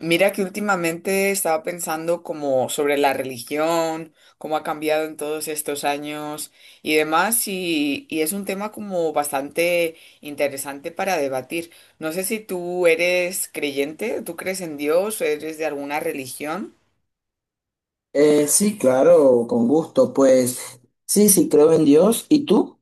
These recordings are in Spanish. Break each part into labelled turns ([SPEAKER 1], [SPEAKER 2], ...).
[SPEAKER 1] Mira que últimamente estaba pensando como sobre la religión, cómo ha cambiado en todos estos años y demás, y es un tema como bastante interesante para debatir. No sé si tú eres creyente, tú crees en Dios, eres de alguna religión.
[SPEAKER 2] Sí, claro, con gusto. Pues sí, sí, creo en Dios. ¿Y tú?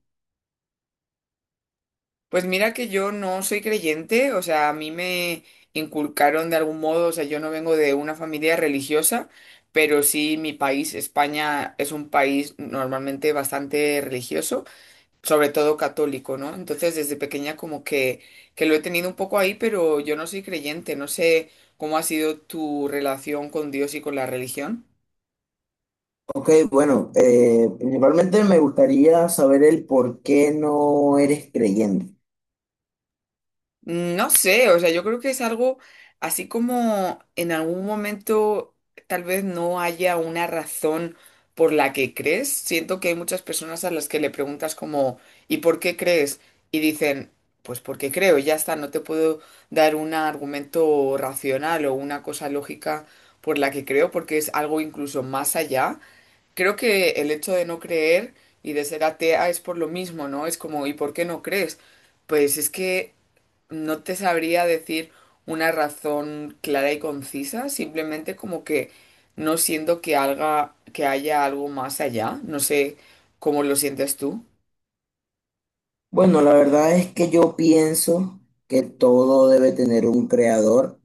[SPEAKER 1] Pues mira que yo no soy creyente, o sea, a mí me inculcaron de algún modo, o sea, yo no vengo de una familia religiosa. Pero sí, mi país, España, es un país normalmente bastante religioso, sobre todo católico, ¿no? Entonces desde pequeña como que lo he tenido un poco ahí, pero yo no soy creyente, no sé cómo ha sido tu relación con Dios y con la religión.
[SPEAKER 2] Ok, bueno, principalmente me gustaría saber el por qué no eres creyente.
[SPEAKER 1] No sé, o sea, yo creo que es algo así como en algún momento tal vez no haya una razón por la que crees. Siento que hay muchas personas a las que le preguntas como, ¿y por qué crees? Y dicen, pues porque creo, y ya está, no te puedo dar un argumento racional o una cosa lógica por la que creo, porque es algo incluso más allá. Creo que el hecho de no creer y de ser atea es por lo mismo, ¿no? Es como, ¿y por qué no crees? Pues es que no te sabría decir una razón clara y concisa, simplemente como que no siento que haga, que haya algo más allá. No sé cómo lo sientes tú.
[SPEAKER 2] Bueno, la verdad es que yo pienso que todo debe tener un creador,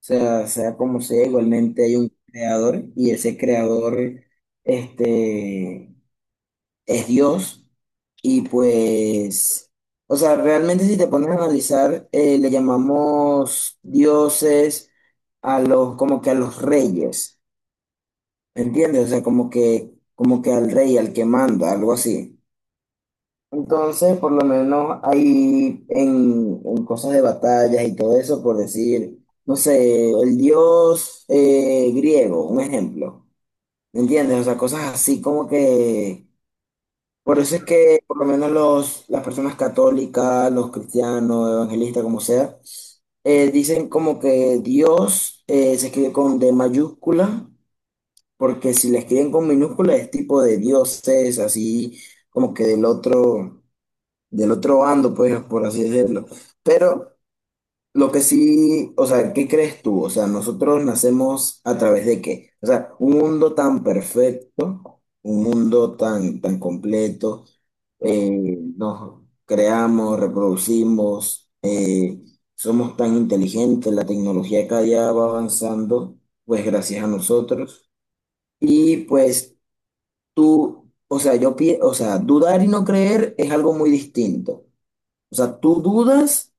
[SPEAKER 2] o sea, sea como sea, igualmente hay un creador y ese creador, este, es Dios y pues, o sea, realmente si te pones a analizar, le llamamos dioses a los, como que a los reyes, ¿me entiendes? O sea, como que al rey, al que manda, algo así. Entonces, por lo menos hay en cosas de batallas y todo eso, por decir, no sé, el dios griego, un ejemplo, ¿me entiendes? O sea, cosas así como que por eso es que por lo menos los, las personas católicas, los cristianos, evangelistas, como sea, dicen como que Dios se escribe con D mayúscula, porque si le escriben con minúscula es tipo de dioses, así como que del otro bando, pues, por así decirlo. Pero lo que sí, o sea, ¿qué crees tú? O sea, ¿nosotros nacemos a través de qué? O sea, un mundo tan perfecto, un mundo tan, tan completo, nos creamos, reproducimos, somos tan inteligentes, la tecnología cada día va avanzando, pues gracias a nosotros. Y pues tú, o sea, o sea, dudar y no creer es algo muy distinto. O sea, ¿tú dudas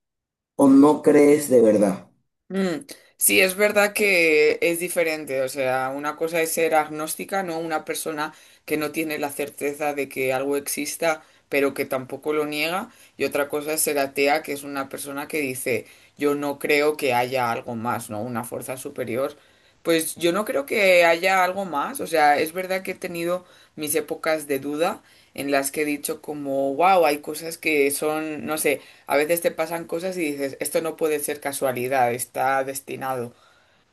[SPEAKER 2] o no crees de verdad?
[SPEAKER 1] Mm, sí, es verdad que es diferente. O sea, una cosa es ser agnóstica, no, una persona que no tiene la certeza de que algo exista, pero que tampoco lo niega. Y otra cosa es ser atea, que es una persona que dice, yo no creo que haya algo más, ¿no? Una fuerza superior. Pues yo no creo que haya algo más. O sea, es verdad que he tenido mis épocas de duda en las que he dicho como, wow, hay cosas que son, no sé. A veces te pasan cosas y dices, esto no puede ser casualidad, está destinado.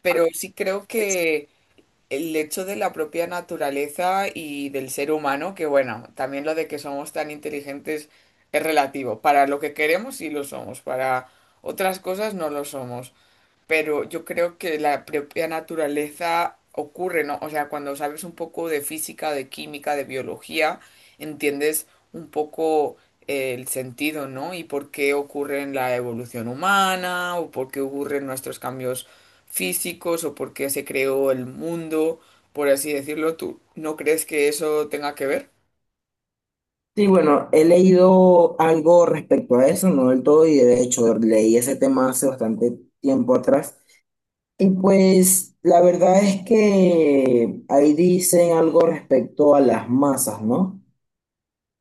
[SPEAKER 1] Pero sí creo que el hecho de la propia naturaleza y del ser humano, que bueno, también lo de que somos tan inteligentes es relativo. Para lo que queremos sí lo somos, para otras cosas no lo somos, pero yo creo que la propia naturaleza ocurre, ¿no? O sea, cuando sabes un poco de física, de química, de biología, entiendes un poco el sentido, ¿no? Y por qué ocurre en la evolución humana, o por qué ocurren nuestros cambios físicos, o por qué se creó el mundo, por así decirlo. ¿Tú no crees que eso tenga que ver?
[SPEAKER 2] Sí, bueno, he leído algo respecto a eso, no del todo, y de hecho leí ese tema hace bastante tiempo atrás. Y pues la verdad es que ahí dicen algo respecto a las masas, ¿no?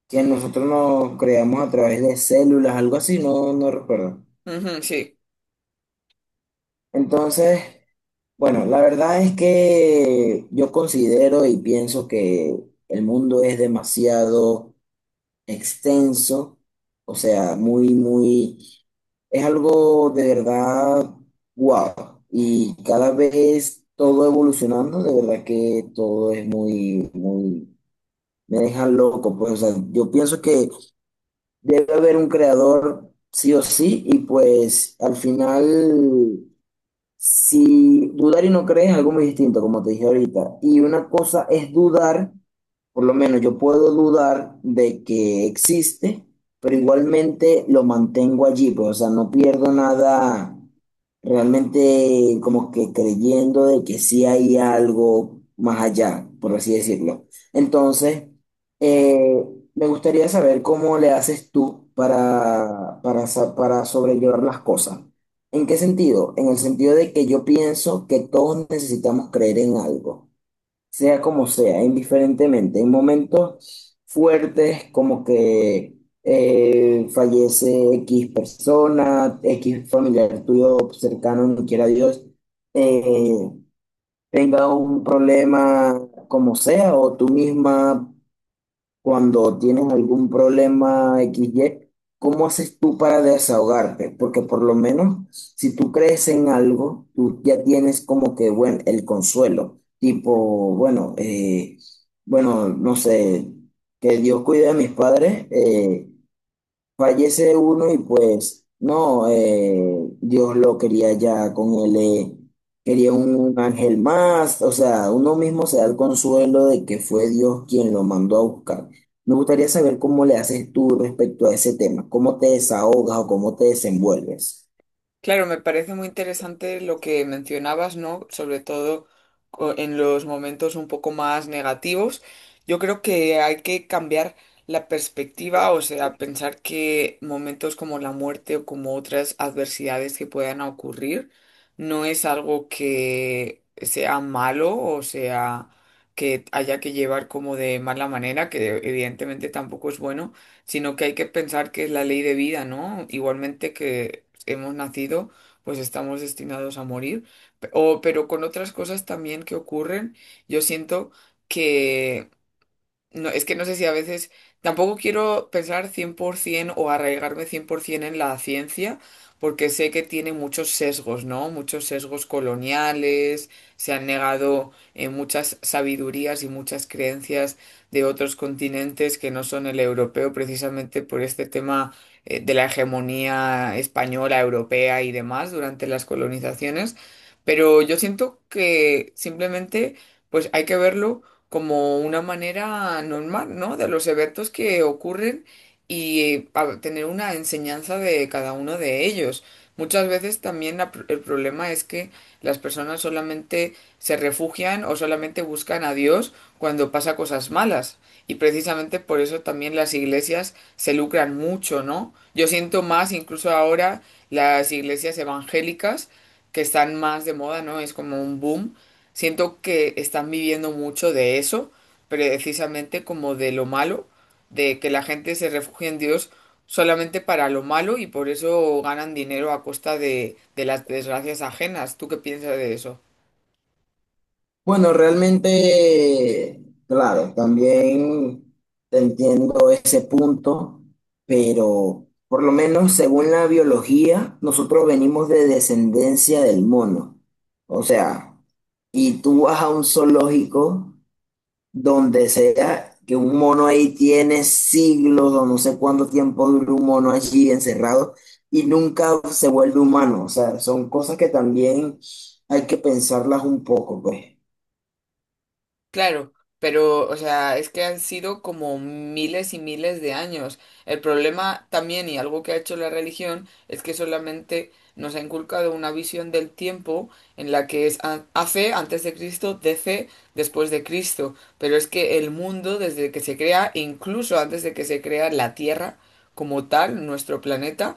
[SPEAKER 2] Que nosotros nos creamos a través de células, algo así, no, no recuerdo.
[SPEAKER 1] Ujú, sí.
[SPEAKER 2] Entonces, bueno, la verdad es que yo considero y pienso que el mundo es demasiado extenso, o sea, muy, muy, es algo de verdad guau. Y cada vez todo evolucionando, de verdad que todo es muy, muy, me deja loco. Pues, o sea, yo pienso que debe haber un creador sí o sí, y pues al final. Si dudar y no creer es algo muy distinto, como te dije ahorita. Y una cosa es dudar, por lo menos yo puedo dudar de que existe, pero igualmente lo mantengo allí, pues, o sea, no pierdo nada realmente como que creyendo de que sí hay algo más allá, por así decirlo. Entonces, eh, me gustaría saber cómo le haces tú para sobrellevar las cosas. ¿En qué sentido? En el sentido de que yo pienso que todos necesitamos creer en algo, sea como sea, indiferentemente. En momentos fuertes como que fallece X persona, X familiar tuyo cercano, no quiera Dios, eh, tenga un problema como sea, o tú misma cuando tienes algún problema XY, ¿cómo haces tú para desahogarte? Porque por lo menos si tú crees en algo, tú ya tienes como que, bueno, el consuelo, tipo, bueno, bueno, no sé, que Dios cuide a mis padres, fallece uno y pues no, Dios lo quería ya con él, quería un ángel más, o sea, uno mismo se da el consuelo de que fue Dios quien lo mandó a buscar. Me gustaría saber cómo le haces tú respecto a ese tema, cómo te desahogas o cómo te desenvuelves.
[SPEAKER 1] Claro, me parece muy interesante lo que mencionabas, ¿no? Sobre todo en los momentos un poco más negativos. Yo creo que hay que cambiar la perspectiva, o sea, pensar que momentos como la muerte o como otras adversidades que puedan ocurrir no es algo que sea malo o sea que haya que llevar como de mala manera, que evidentemente tampoco es bueno, sino que hay que pensar que es la ley de vida, ¿no? Igualmente que hemos nacido, pues estamos destinados a morir. Pero con otras cosas también que ocurren, yo siento no, es que no sé si a veces tampoco quiero pensar 100% o arraigarme 100% en la ciencia, porque sé que tiene muchos sesgos, ¿no? Muchos sesgos coloniales, se han negado muchas sabidurías y muchas creencias de otros continentes que no son el europeo, precisamente por este tema de la hegemonía española, europea y demás durante las colonizaciones. Pero yo siento que simplemente pues hay que verlo como una manera normal, ¿no? De los eventos que ocurren y, tener una enseñanza de cada uno de ellos. Muchas veces también el problema es que las personas solamente se refugian o solamente buscan a Dios cuando pasa cosas malas. Y precisamente por eso también las iglesias se lucran mucho, ¿no? Yo siento más, incluso ahora, las iglesias evangélicas que están más de moda, ¿no? Es como un boom. Siento que están viviendo mucho de eso, precisamente como de lo malo, de que la gente se refugia en Dios solamente para lo malo y por eso ganan dinero a costa de las desgracias ajenas. ¿Tú qué piensas de eso?
[SPEAKER 2] Bueno, realmente, claro, también entiendo ese punto, pero por lo menos según la biología, nosotros venimos de descendencia del mono. O sea, y tú vas a un zoológico donde sea que un mono ahí tiene siglos o no sé cuánto tiempo dura un mono allí encerrado y nunca se vuelve humano. O sea, son cosas que también hay que pensarlas un poco, pues.
[SPEAKER 1] Claro, pero, o sea, es que han sido como miles y miles de años. El problema también, y algo que ha hecho la religión, es que solamente nos ha inculcado una visión del tiempo en la que es AC, antes de Cristo, DC, después de Cristo. Pero es que el mundo, desde que se crea, incluso antes de que se crea la Tierra como tal, nuestro planeta,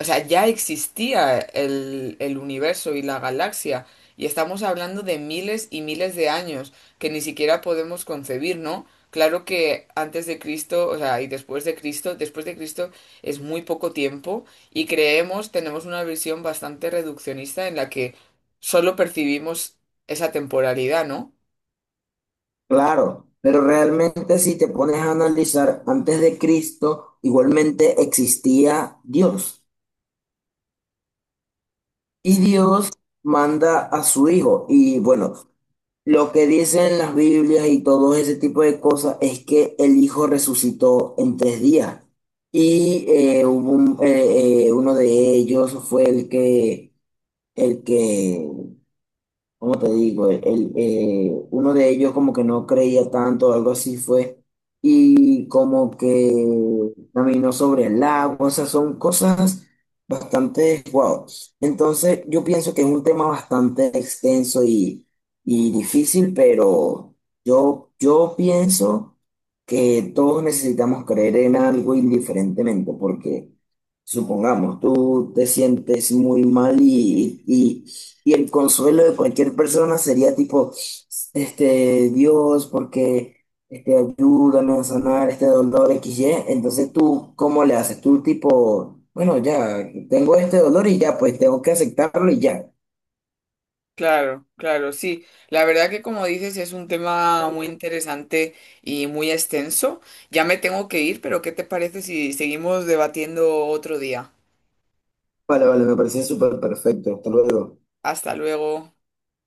[SPEAKER 1] o sea, ya existía el universo y la galaxia. Y estamos hablando de miles y miles de años que ni siquiera podemos concebir, ¿no? Claro que antes de Cristo, o sea, y después de Cristo es muy poco tiempo y creemos, tenemos una visión bastante reduccionista en la que solo percibimos esa temporalidad, ¿no?
[SPEAKER 2] Claro, pero realmente si te pones a analizar, antes de Cristo igualmente existía Dios y Dios manda a su hijo. Y bueno, lo que dicen las Biblias y todo ese tipo de cosas es que el hijo resucitó en tres días. Y uno de ellos fue el que, el que ¿cómo te digo? Uno de ellos como que no creía tanto, algo así fue, y como que caminó sobre el agua, o sea, son cosas bastante, wow. Entonces yo pienso que es un tema bastante extenso y difícil, pero yo pienso que todos necesitamos creer en algo indiferentemente, porque supongamos, tú te sientes muy mal y el consuelo de cualquier persona sería tipo, Dios, porque ayúdame a sanar este dolor XY. Entonces tú, ¿cómo le haces? Tú tipo, bueno, ya, tengo este dolor y ya, pues tengo que aceptarlo y ya.
[SPEAKER 1] Claro, claro, sí. La verdad que como dices es un tema muy interesante y muy extenso. Ya me tengo que ir, pero ¿qué te parece si seguimos debatiendo otro día?
[SPEAKER 2] Vale, vale, me parecía súper perfecto. Hasta luego.
[SPEAKER 1] Hasta luego.